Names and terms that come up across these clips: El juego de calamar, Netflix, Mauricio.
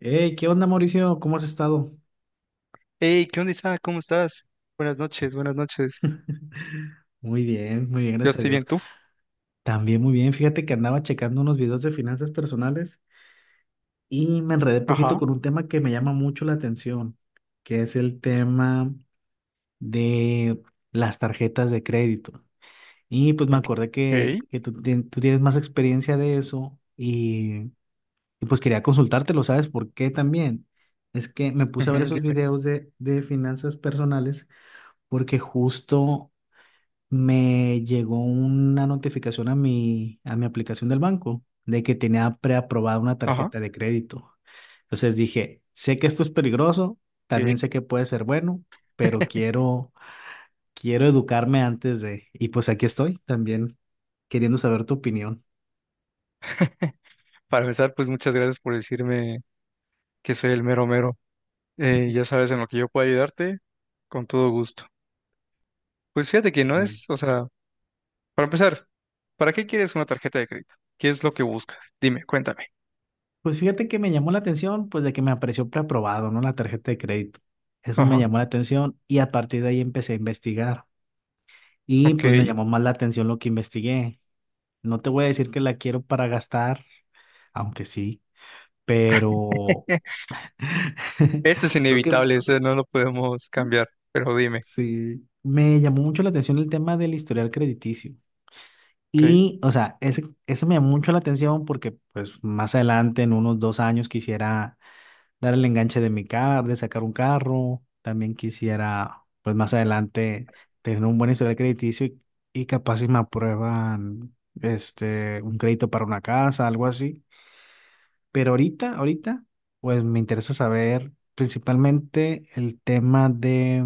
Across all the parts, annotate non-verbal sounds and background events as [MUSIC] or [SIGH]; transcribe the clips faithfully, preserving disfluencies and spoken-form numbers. Hey, ¿qué onda, Mauricio? ¿Cómo has estado? Hey, ¿qué onda, Isaac? ¿Cómo estás? Buenas noches, buenas noches. Muy bien, muy bien, Yo gracias a estoy bien, Dios. ¿tú? También muy bien. Fíjate que andaba checando unos videos de finanzas personales y me enredé poquito Ajá. con un tema que me llama mucho la atención, que es el tema de las tarjetas de crédito. Y pues me Bien. Ok. acordé que, Ok, que tú, tien- tú tienes más experiencia de eso y, y pues quería consultártelo, ¿sabes por qué también? Es que me puse a ver ujú, esos dime. videos de, de finanzas personales porque justo me llegó una notificación a mi, a mi aplicación del banco de que tenía preaprobada una Ajá. tarjeta de crédito. Entonces dije, sé que esto es peligroso, Ok. también sé que puede ser bueno, pero [LAUGHS] quiero, quiero educarme antes de. Y pues aquí estoy también queriendo saber tu opinión. Para empezar, pues muchas gracias por decirme que soy el mero mero. Eh, ya sabes, en lo que yo pueda ayudarte, con todo gusto. Pues fíjate que no Ah. es, o sea, para empezar, ¿para qué quieres una tarjeta de crédito? ¿Qué es lo que buscas? Dime, cuéntame. Pues fíjate que me llamó la atención, pues de que me apareció preaprobado, ¿no? La tarjeta de crédito. Eso me Ajá. llamó la atención y a partir de ahí empecé a investigar. Y Ok. pues me llamó más la atención lo que investigué. No te voy a decir que la quiero para gastar, aunque sí, pero [LAUGHS] [LAUGHS] Eso es lo que inevitable, eso no lo podemos cambiar, pero dime. sí me llamó mucho la atención el tema del historial crediticio. Ok. Y, o sea, ese, ese me llamó mucho la atención porque, pues, más adelante, en unos dos años, quisiera dar el enganche de mi carro, de sacar un carro. También quisiera, pues, más adelante, tener un buen historial crediticio y, y capaz si me aprueban, este, un crédito para una casa, algo así. Pero ahorita, ahorita, pues me interesa saber principalmente el tema de,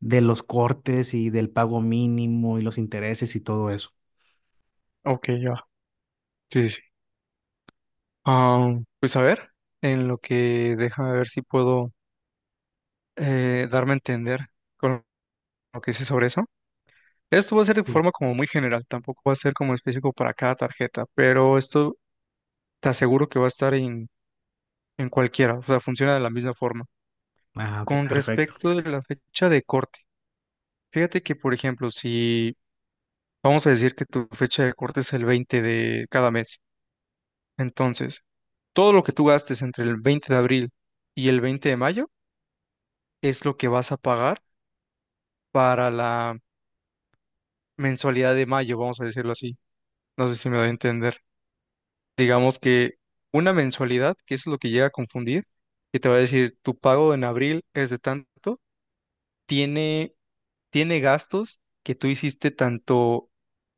de los cortes y del pago mínimo y los intereses y todo eso. Ok, ya. Sí. Ah, pues a ver, en lo que deja ver si puedo eh, darme a entender con lo que sé sobre eso. Esto va a ser de Sí. forma como muy general, tampoco va a ser como específico para cada tarjeta, pero esto te aseguro que va a estar en, en cualquiera, o sea, funciona de la misma forma. Ah, ok, Con perfecto. respecto de la fecha de corte, fíjate que, por ejemplo, si vamos a decir que tu fecha de corte es el veinte de cada mes, entonces todo lo que tú gastes entre el veinte de abril y el veinte de mayo es lo que vas a pagar para la mensualidad de mayo, vamos a decirlo así. No sé si me doy a entender. Digamos que una mensualidad, que eso es lo que llega a confundir, que te va a decir tu pago en abril es de tanto, tiene, tiene gastos que tú hiciste tanto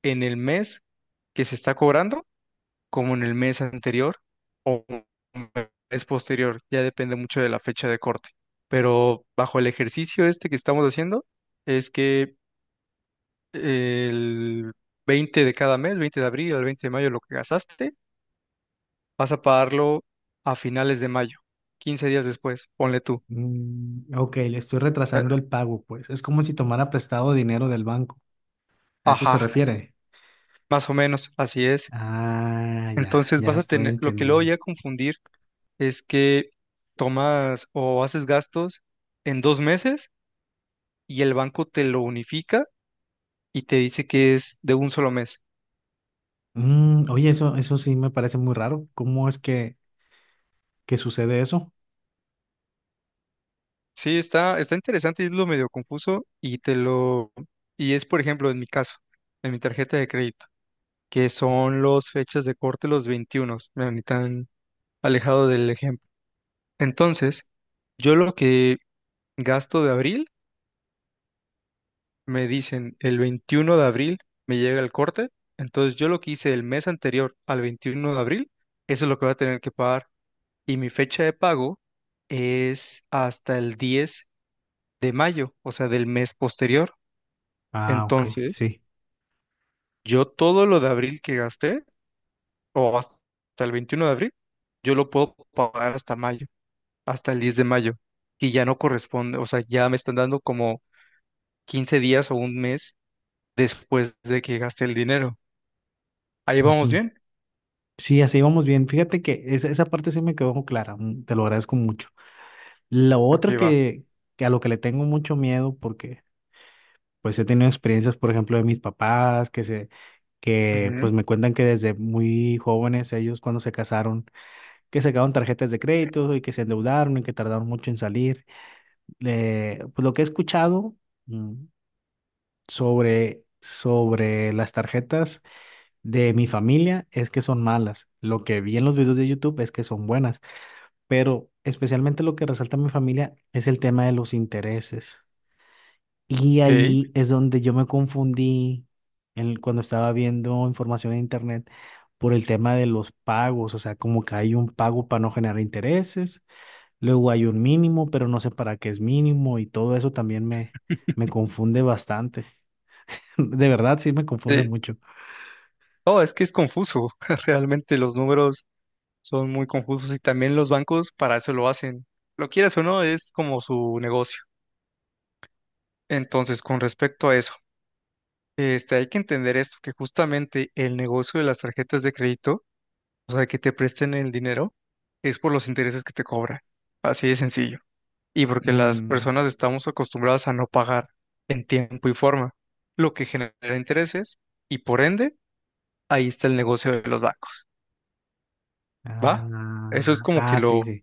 en el mes que se está cobrando como en el mes anterior o mes posterior. Ya depende mucho de la fecha de corte. Pero bajo el ejercicio este que estamos haciendo, es que el veinte de cada mes, veinte de abril al veinte de mayo, lo que gastaste, vas a pagarlo a finales de mayo, quince días después, ponle tú. Mm, ok, le estoy Eh, retrasando el pago, pues. Es como si tomara prestado dinero del banco. ¿A eso se Ajá, refiere? más o menos, así es. Ah, ya, Entonces ya vas a estoy tener, lo que luego llega entendiendo. a confundir es que tomas o haces gastos en dos meses y el banco te lo unifica y te dice que es de un solo mes. Mm, oye, eso, eso sí me parece muy raro. ¿Cómo es que, que sucede eso? Sí, está, está interesante, es lo medio confuso y te lo, y es por ejemplo en mi caso, en mi tarjeta de crédito, que son los fechas de corte los veintiuno, mira, ni tan alejado del ejemplo. Entonces, yo lo que gasto de abril, me dicen el veintiuno de abril me llega el corte, entonces yo lo que hice el mes anterior al veintiuno de abril, eso es lo que voy a tener que pagar. Y mi fecha de pago es hasta el diez de mayo, o sea, del mes posterior. Ah, ok, Entonces, sí. yo todo lo de abril que gasté, o hasta hasta el veintiuno de abril, yo lo puedo pagar hasta mayo, hasta el diez de mayo, que ya no corresponde, o sea, ya me están dando como quince días o un mes después de que gasté el dinero. ¿Ahí vamos Ujú. bien? Sí, así vamos bien. Fíjate que esa, esa parte sí me quedó clara. mm, Te lo agradezco mucho. Lo Ok, otro va. que, que a lo que le tengo mucho miedo, porque pues he tenido experiencias, por ejemplo, de mis papás, que se, que Ujú. pues me cuentan que desde muy jóvenes ellos cuando se casaron, que sacaron tarjetas de crédito y que se endeudaron y que tardaron mucho en salir. Eh, pues lo que he escuchado mm, sobre, sobre las tarjetas de mi familia es que son malas. Lo que vi en los videos de YouTube es que son buenas. Pero especialmente lo que resalta mi familia es el tema de los intereses. Y Ok. ahí es donde yo me confundí en- cuando estaba viendo información en internet por el tema de los pagos, o sea, como que hay un pago para no generar intereses, luego hay un mínimo, pero no sé para qué es mínimo y todo eso también me, me confunde bastante. [LAUGHS] De verdad, sí me confunde Eh, mucho. no, es que es confuso. [LAUGHS] Realmente los números son muy confusos y también los bancos para eso lo hacen. Lo quieras o no, es como su negocio. Entonces, con respecto a eso, este, hay que entender esto, que justamente el negocio de las tarjetas de crédito, o sea, que te presten el dinero, es por los intereses que te cobran. Así de sencillo, y porque las Mm, personas estamos acostumbradas a no pagar en tiempo y forma, lo que genera intereses y por ende ahí está el negocio de los bancos, ¿va? ah, Eso es como que ah, sí, lo, sí.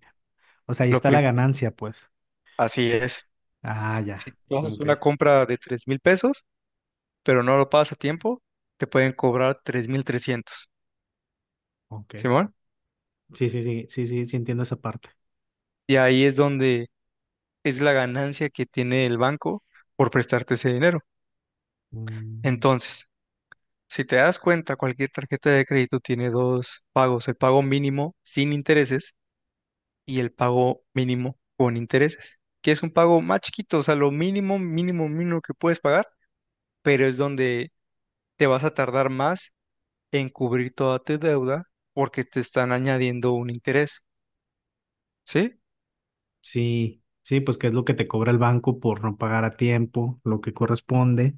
O sea, ahí lo está la primero. ganancia, pues. Así es. Ah, ya. Si tú haces Ok, una compra de tres mil pesos, pero no lo pagas a tiempo, te pueden cobrar tres mil trescientos, ok. ¿Simón? Sí, sí, sí, sí, sí, sí entiendo esa parte. Y ahí es donde es la ganancia que tiene el banco por prestarte ese dinero. Mm, Entonces, si te das cuenta, cualquier tarjeta de crédito tiene dos pagos, el pago mínimo sin intereses y el pago mínimo con intereses, que es un pago más chiquito, o sea, lo mínimo, mínimo, mínimo que puedes pagar, pero es donde te vas a tardar más en cubrir toda tu deuda porque te están añadiendo un interés, ¿sí? sí, sí, pues que es lo que te cobra el banco por no pagar a tiempo, lo que corresponde.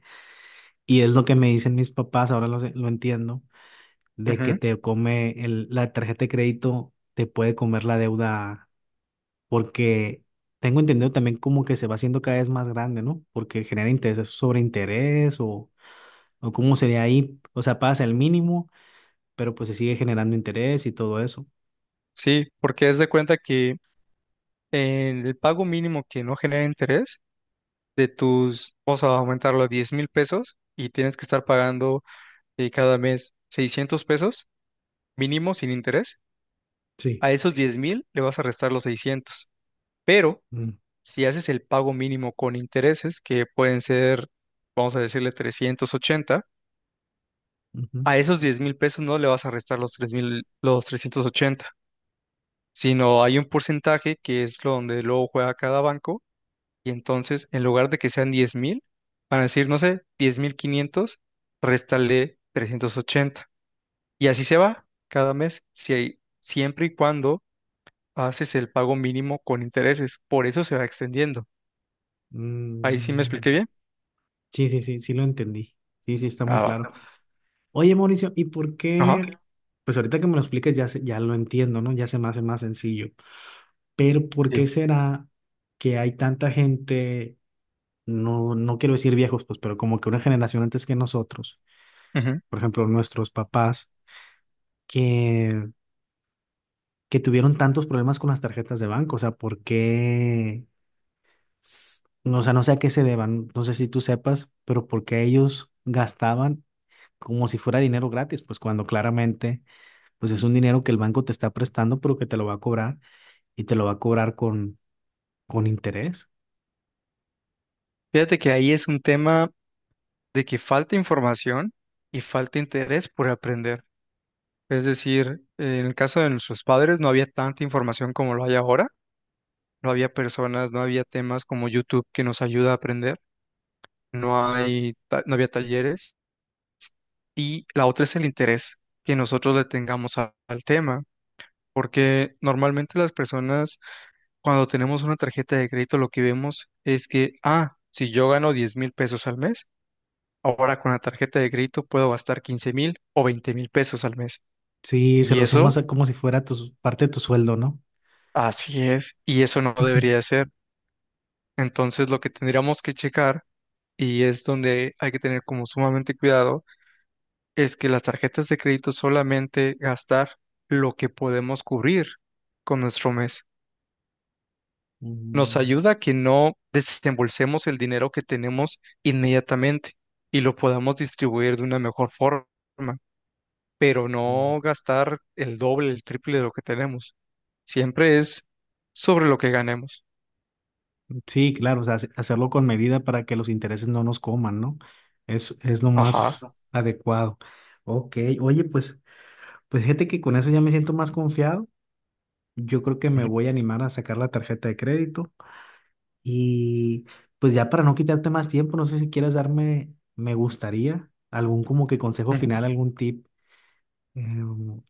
Y es lo que me dicen mis papás, ahora lo, sé- lo entiendo, de que Ujú. te come el- la tarjeta de crédito, te puede comer la deuda, porque tengo entendido también como que se va haciendo cada vez más grande, ¿no? Porque genera interés sobre interés o, o cómo sería ahí. O sea, pasa el mínimo, pero pues se sigue generando interés y todo eso. Sí, porque haz de cuenta que en el pago mínimo que no genera interés, de tus, vamos a aumentarlo a diez mil pesos y tienes que estar pagando y cada mes seiscientos pesos mínimo sin interés, Sí. a esos diez mil le vas a restar los seiscientos. Pero Mm, si haces el pago mínimo con intereses, que pueden ser, vamos a decirle trescientos ochenta ujú. a esos diez mil pesos no le vas a restar los tres mil, los trescientos ochenta sino hay un porcentaje que es lo donde luego juega cada banco y entonces en lugar de que sean diez mil, van a decir, no sé, diez mil quinientos, réstale trescientos ochenta. Y así se va cada mes, si hay- siempre y cuando haces el pago mínimo con intereses. Por eso se va extendiendo. Ahí sí me Mm, expliqué bien. sí, sí, sí, sí lo entendí. Sí, sí, está muy Ah, va. claro. Está. Oye, Mauricio, ¿y por Ajá. qué? Pues ahorita que me lo expliques ya, se- ya lo entiendo, ¿no? Ya se me hace más sencillo. Pero ¿por qué Sí. será que hay tanta gente, no, no quiero decir viejos, pues, pero como que una generación antes que nosotros, Ujú. por ejemplo, nuestros papás, que, que tuvieron tantos problemas con las tarjetas de banco? O sea, ¿por qué? s- No, o sea, no sé a qué se deban, no sé si tú sepas, pero ¿por qué ellos gastaban como si fuera dinero gratis, pues cuando claramente pues es un dinero que el banco te está prestando, pero que te lo va a cobrar y te lo va a cobrar con, con interés? Fíjate que ahí es un tema de que falta información y falta interés por aprender. Es decir, en el caso de nuestros padres no había tanta información como lo hay ahora. No había personas, no había temas como YouTube que nos ayuda a aprender. No hay, ta- no había talleres. Y la otra es el interés que nosotros le tengamos a- al tema. Porque normalmente las personas, cuando tenemos una tarjeta de crédito, lo que vemos es que, ah, si yo gano diez mil pesos al mes, ahora con la tarjeta de crédito puedo gastar quince mil o veinte mil pesos al mes. Sí, se Y lo sumas eso, a como si fuera tu, parte de tu sueldo, ¿no? así es, y eso no debería [LAUGHS] ser. Entonces, lo que tendríamos que checar, y es donde hay que tener como sumamente cuidado, es que las tarjetas de crédito solamente gastar lo que podemos cubrir con nuestro mes, nos Mm, ayuda a que no desembolsemos el dinero que tenemos inmediatamente y lo podamos distribuir de una mejor forma, pero mm. no gastar el doble, el triple de lo que tenemos. Siempre es sobre lo que ganemos. Sí, claro, o sea, hace- hacerlo con medida para que los intereses no nos coman, ¿no? Es, es lo Ajá. más adecuado. Ok, oye, pues, pues fíjate que con eso ya me siento más confiado. Yo creo que me Ujú, voy a animar a sacar la tarjeta de crédito. Y pues ya para no quitarte más tiempo, no sé si quieres darme, me gustaría, algún como que consejo ujú. final, algún tip eh,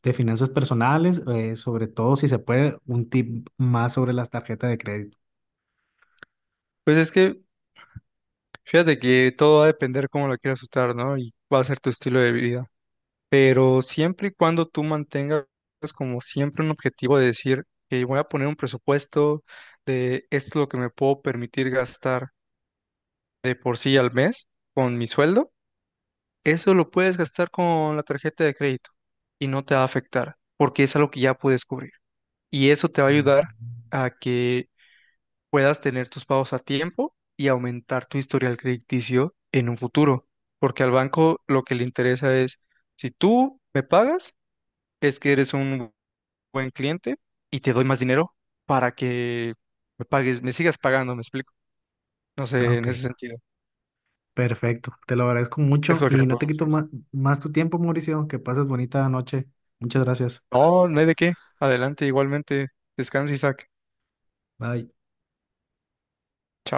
de finanzas personales, eh, sobre todo si se puede, un tip más sobre las tarjetas de crédito. Pues es que fíjate que todo va a depender cómo la quieras usar, ¿no? Y va a ser tu estilo de vida. Pero siempre y cuando tú mantengas como siempre un objetivo de decir que voy a poner un presupuesto de esto es lo que me puedo permitir gastar de por sí al mes con mi sueldo, eso lo puedes gastar con la tarjeta de crédito y no te va a afectar porque es algo que ya puedes cubrir. Y eso te va a Mm. ayudar a que puedas tener tus pagos a tiempo y aumentar tu historial crediticio en un futuro. Porque al banco lo que le interesa es, si tú me pagas, es que eres un buen cliente y te doy más dinero para que me pagues, me sigas pagando, ¿me explico? No Ah, sé, en ok, ese sentido. perfecto. Te lo agradezco mucho Eso es lo que y te no puedo te quito decir. ma- más tu tiempo, Mauricio. Que pases bonita noche. Muchas gracias. No, no hay de qué. Adelante, igualmente. Descansa, Isaac. Bye.